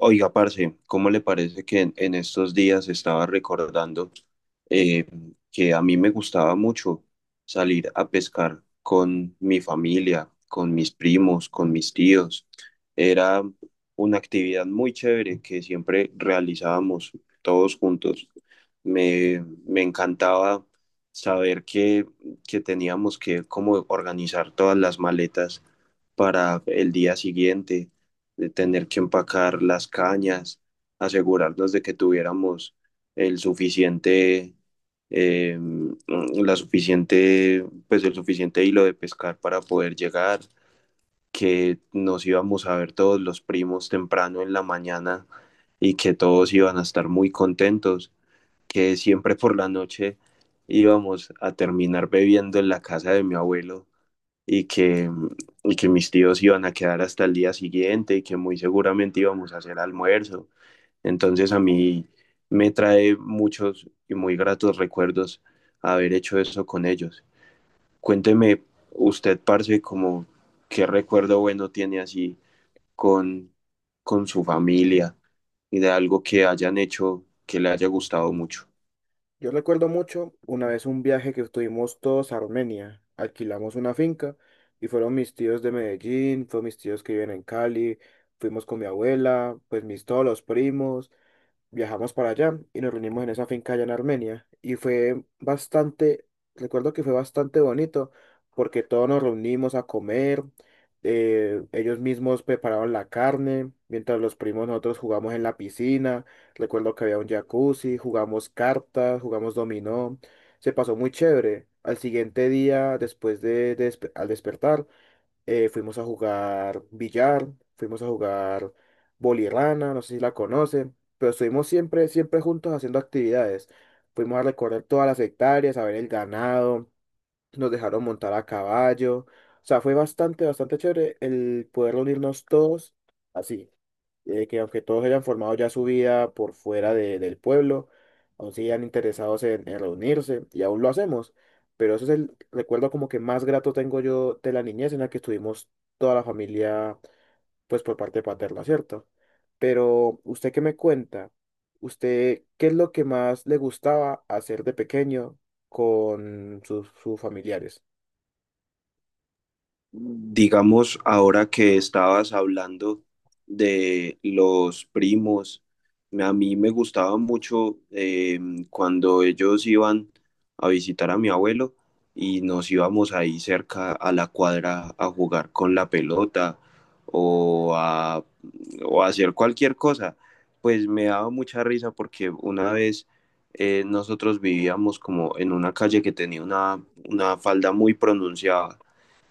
Oiga, parce, ¿cómo le parece que en estos días estaba recordando eh, que a mí me gustaba mucho salir a pescar con mi familia, con mis primos, con mis tíos? Era una actividad muy chévere que siempre realizábamos todos juntos. Me encantaba saber que teníamos que como organizar todas las maletas para el día siguiente de tener que empacar las cañas, asegurarnos de que tuviéramos el suficiente, eh, la suficiente, pues el suficiente hilo de pescar para poder llegar, que nos íbamos a ver todos los primos temprano en la mañana y que todos iban a estar muy contentos, que siempre por la noche íbamos a terminar bebiendo en la casa de mi abuelo y que, y que mis tíos iban a quedar hasta el día siguiente y que muy seguramente íbamos a hacer almuerzo. Entonces a mí me trae muchos y muy gratos recuerdos haber hecho eso con ellos. Cuénteme usted, parce, como qué recuerdo bueno tiene así con, con su familia y de algo que hayan hecho que le haya gustado mucho. Yo recuerdo mucho una vez un viaje que estuvimos todos a Armenia. Alquilamos una finca y fueron mis tíos de Medellín, fueron mis tíos que viven en Cali, fuimos con mi abuela, pues mis todos los primos viajamos para allá y nos reunimos en esa finca allá en Armenia. Y fue bastante, recuerdo que fue bastante bonito porque todos nos reunimos a comer, ellos mismos prepararon la carne, mientras los primos nosotros jugamos en la piscina, recuerdo que había un jacuzzi, jugamos cartas, jugamos dominó, se pasó muy chévere. Al siguiente día, al despertar, fuimos a jugar billar, fuimos a jugar bolirrana, no sé si la conocen, pero estuvimos siempre, siempre juntos haciendo actividades. Fuimos a recorrer todas las hectáreas, a ver el ganado, nos dejaron montar a caballo. O sea, fue bastante, bastante chévere el poder unirnos todos así. Que aunque todos hayan formado ya su vida por fuera del pueblo, aún sigan interesados en reunirse y aún lo hacemos. Pero ese es el recuerdo como que más grato tengo yo de la niñez en la que estuvimos toda la familia, pues por parte paterna, ¿cierto? Pero usted qué me cuenta, usted qué es lo que más le gustaba hacer de pequeño con sus familiares. Digamos, ahora que estabas hablando de los primos, a mí me gustaba mucho cuando ellos iban a visitar a mi abuelo y nos íbamos ahí cerca a la cuadra a jugar con la pelota o a, o a hacer cualquier cosa. Pues me daba mucha risa porque una vez nosotros vivíamos como en una calle que tenía una falda muy pronunciada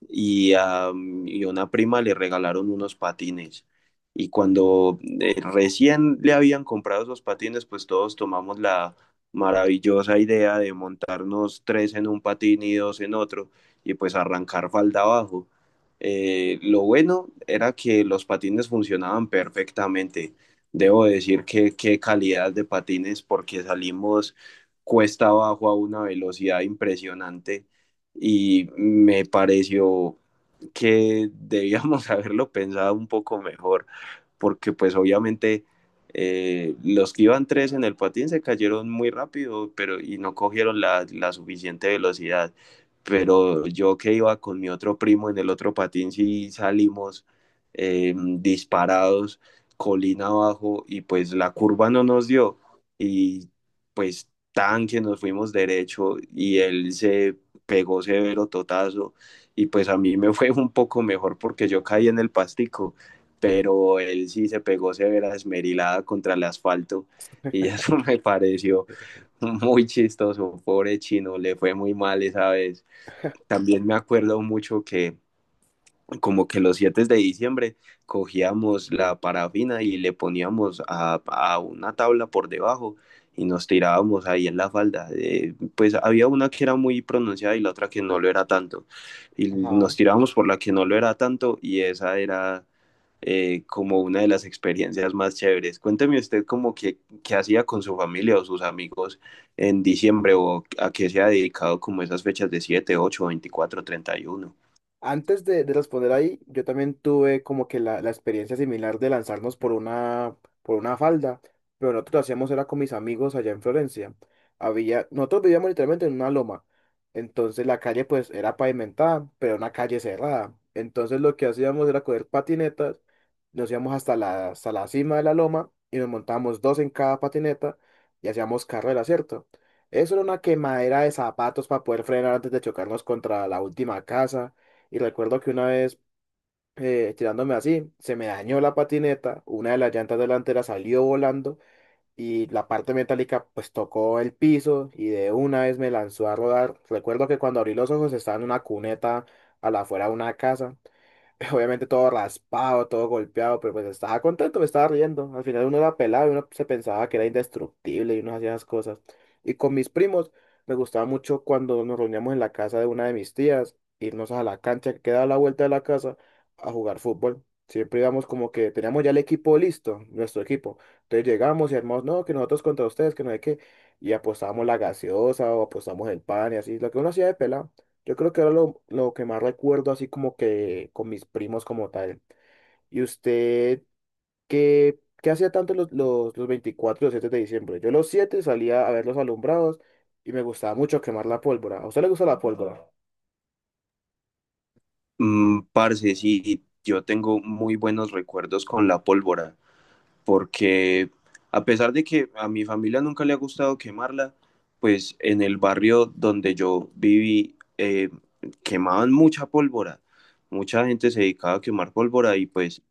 y a y a una prima le regalaron unos patines. Y cuando recién le habían comprado esos patines, pues todos tomamos la maravillosa idea de montarnos tres en un patín y dos en otro, y pues arrancar falda abajo. Lo bueno era que los patines funcionaban perfectamente. Debo decir que qué calidad de patines, porque salimos cuesta abajo a una velocidad impresionante y me pareció que debíamos haberlo pensado un poco mejor porque pues obviamente los que iban tres en el patín se cayeron muy rápido pero, y no cogieron la suficiente velocidad. Pero yo que iba con mi otro primo en el otro patín, sí salimos disparados, colina abajo, y pues la curva no nos dio. Y pues tan que nos fuimos derecho y él se pegó severo totazo. Y pues a mí me fue un poco mejor porque yo caí en el pastico, pero él sí se pegó severa esmerilada contra el asfalto y eso me pareció muy chistoso, pobre chino, le fue muy mal esa vez. También me acuerdo mucho que como que los 7 de diciembre cogíamos la parafina y le poníamos a una tabla por debajo y nos tirábamos ahí en la falda. Pues había una que era muy pronunciada y la otra que no lo era tanto. Y nos Ajá. tirábamos por la que no lo era tanto y esa era como una de las experiencias más chéveres. Cuénteme usted como que, qué hacía con su familia o sus amigos en diciembre o a qué se ha dedicado como esas fechas de 7, 31. Antes de responder ahí, yo también tuve como que la experiencia similar de lanzarnos por una falda, pero nosotros lo hacíamos era con mis amigos allá en Florencia. Había, nosotros vivíamos literalmente en una loma, entonces la calle pues era pavimentada, pero una calle cerrada. Entonces lo que hacíamos era coger patinetas, nos íbamos hasta hasta la cima de la loma y nos montábamos dos en cada patineta y hacíamos carrera, ¿cierto? Eso era una quemadera de zapatos para poder frenar antes de chocarnos contra la última casa. Y recuerdo que una vez, tirándome así, se me dañó la patineta, una de las llantas delanteras salió volando y la parte metálica pues tocó el piso y de una vez me lanzó a rodar. Recuerdo que cuando abrí los ojos estaba en una cuneta a la afuera de una casa. Obviamente todo raspado, todo golpeado, pero pues estaba contento, me estaba riendo. Al final uno era pelado y uno se pensaba que era indestructible y uno hacía esas cosas. Y con mis primos me gustaba mucho cuando nos reuníamos en la casa de una de mis tías, irnos a la cancha que queda a la vuelta de la casa a jugar fútbol. Siempre íbamos como que teníamos ya el equipo listo, nuestro equipo. Entonces llegamos y armamos, no, que nosotros contra ustedes, que no hay que, y apostábamos la gaseosa o apostábamos el pan y así, lo que uno hacía de pelado. Yo creo que era lo que más recuerdo, así como que con mis primos como tal. ¿Y usted qué hacía tanto los 24 y los 7 de diciembre? Yo los 7 salía a ver los alumbrados y me gustaba mucho quemar la pólvora. ¿A usted le gusta la pólvora? Mm, parce, sí, yo tengo muy buenos recuerdos con la pólvora, porque a pesar de que a mi familia nunca le ha gustado quemarla, pues en el barrio donde yo viví quemaban mucha pólvora, mucha gente se dedicaba a quemar pólvora y pues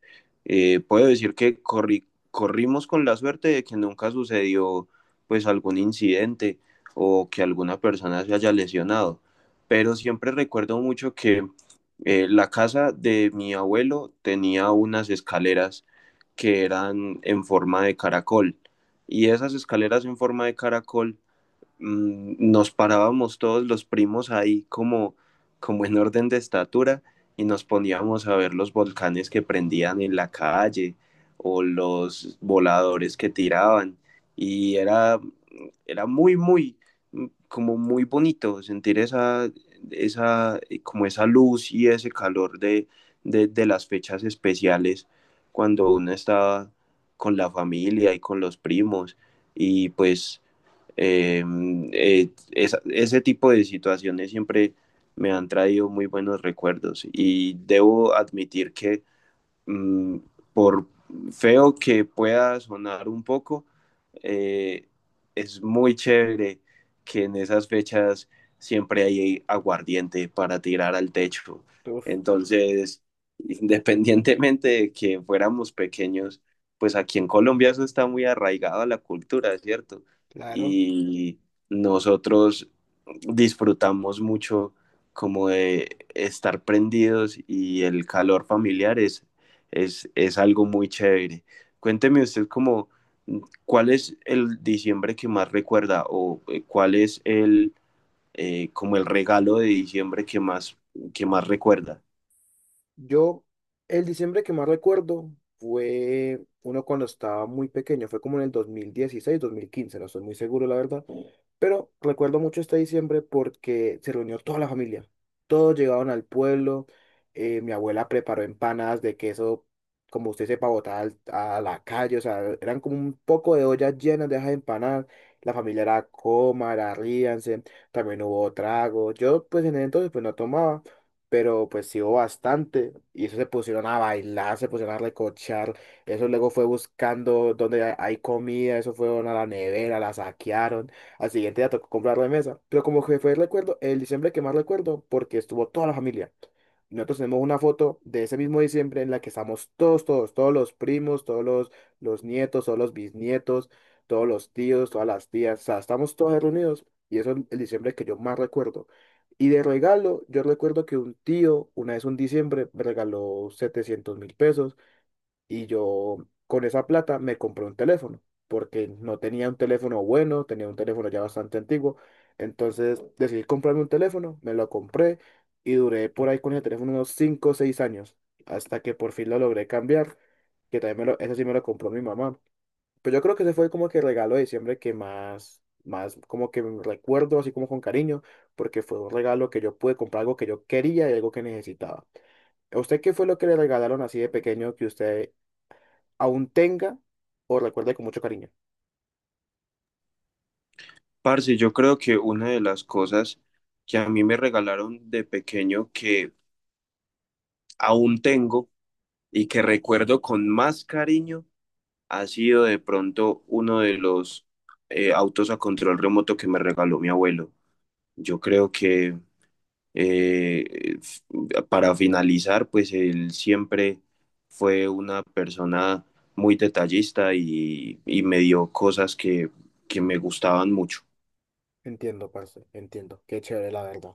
puedo decir que corrimos con la suerte de que nunca sucedió pues algún incidente o que alguna persona se haya lesionado, pero siempre recuerdo mucho que la casa de mi abuelo tenía unas escaleras que eran en forma de caracol y esas escaleras en forma de caracol, nos parábamos todos los primos ahí como, como en orden de estatura y nos poníamos a ver los volcanes que prendían en la calle o los voladores que tiraban y era como muy bonito sentir como esa luz y ese calor de las fechas especiales cuando uno estaba con la familia y con los primos y pues eh, ese tipo de situaciones siempre me han traído muy buenos recuerdos y debo admitir que mm, por feo que pueda sonar un poco, eh, es muy chévere que en esas fechas siempre hay aguardiente para tirar al techo. Uf. Entonces, independientemente de que fuéramos pequeños, pues aquí en Colombia eso está muy arraigado a la cultura, ¿cierto? Claro. Y nosotros disfrutamos mucho como de estar prendidos y el calor familiar es algo muy chévere. Cuénteme usted como, mm, ¿cuál es el diciembre que más recuerda o cuál es como el regalo de diciembre que que más recuerda? Yo, el diciembre que más recuerdo fue uno cuando estaba muy pequeño, fue como en el 2016, 2015, no estoy muy seguro, la verdad. Pero recuerdo mucho este diciembre porque se reunió toda la familia. Todos llegaron al pueblo. Mi abuela preparó empanadas de queso, como usted sepa, botada a la calle. O sea, eran como un poco de ollas llenas de esas empanadas. La familia era coma, era ríanse. También hubo trago. Yo, pues en ese entonces, pues no tomaba. Pero pues sí hubo bastante. Y eso se pusieron a bailar, se pusieron a recochar. Eso luego fue buscando donde hay comida. Eso fueron a la nevera, la saquearon. Al siguiente día tocó comprar la mesa. Pero como que fue el recuerdo, el diciembre que más recuerdo, porque estuvo toda la familia. Nosotros tenemos una foto de ese mismo diciembre en la que estamos todos, todos, todos los primos, todos los nietos, todos los bisnietos, todos los tíos, todas las tías. O sea, estamos todos reunidos. Y eso es el diciembre que yo más recuerdo. Y de regalo, yo recuerdo que un tío, una vez un diciembre, me regaló 700.000 pesos y yo con esa plata me compré un teléfono, porque no tenía un teléfono bueno, tenía un teléfono ya bastante antiguo, entonces decidí comprarme un teléfono, me lo compré y duré por ahí con ese teléfono unos 5 o 6 años, hasta que por fin lo logré cambiar, que también me lo, ese sí me lo compró mi mamá. Pero yo creo que ese fue como que el regalo de diciembre que más, más como que recuerdo, así como con cariño, porque fue un regalo que yo pude comprar algo que yo quería y algo que necesitaba. ¿A usted qué fue lo que le regalaron así de pequeño que usted aún tenga o recuerde con mucho cariño? Parce, yo creo que una de las cosas que a mí me regalaron de pequeño que aún tengo y que recuerdo con más cariño ha sido de pronto uno de los autos a control remoto que me regaló mi abuelo. Yo creo que Eh, f- para finalizar, pues él siempre fue una persona muy detallista y me dio cosas que me gustaban mucho. Entiendo, parce, entiendo. Qué chévere, la verdad.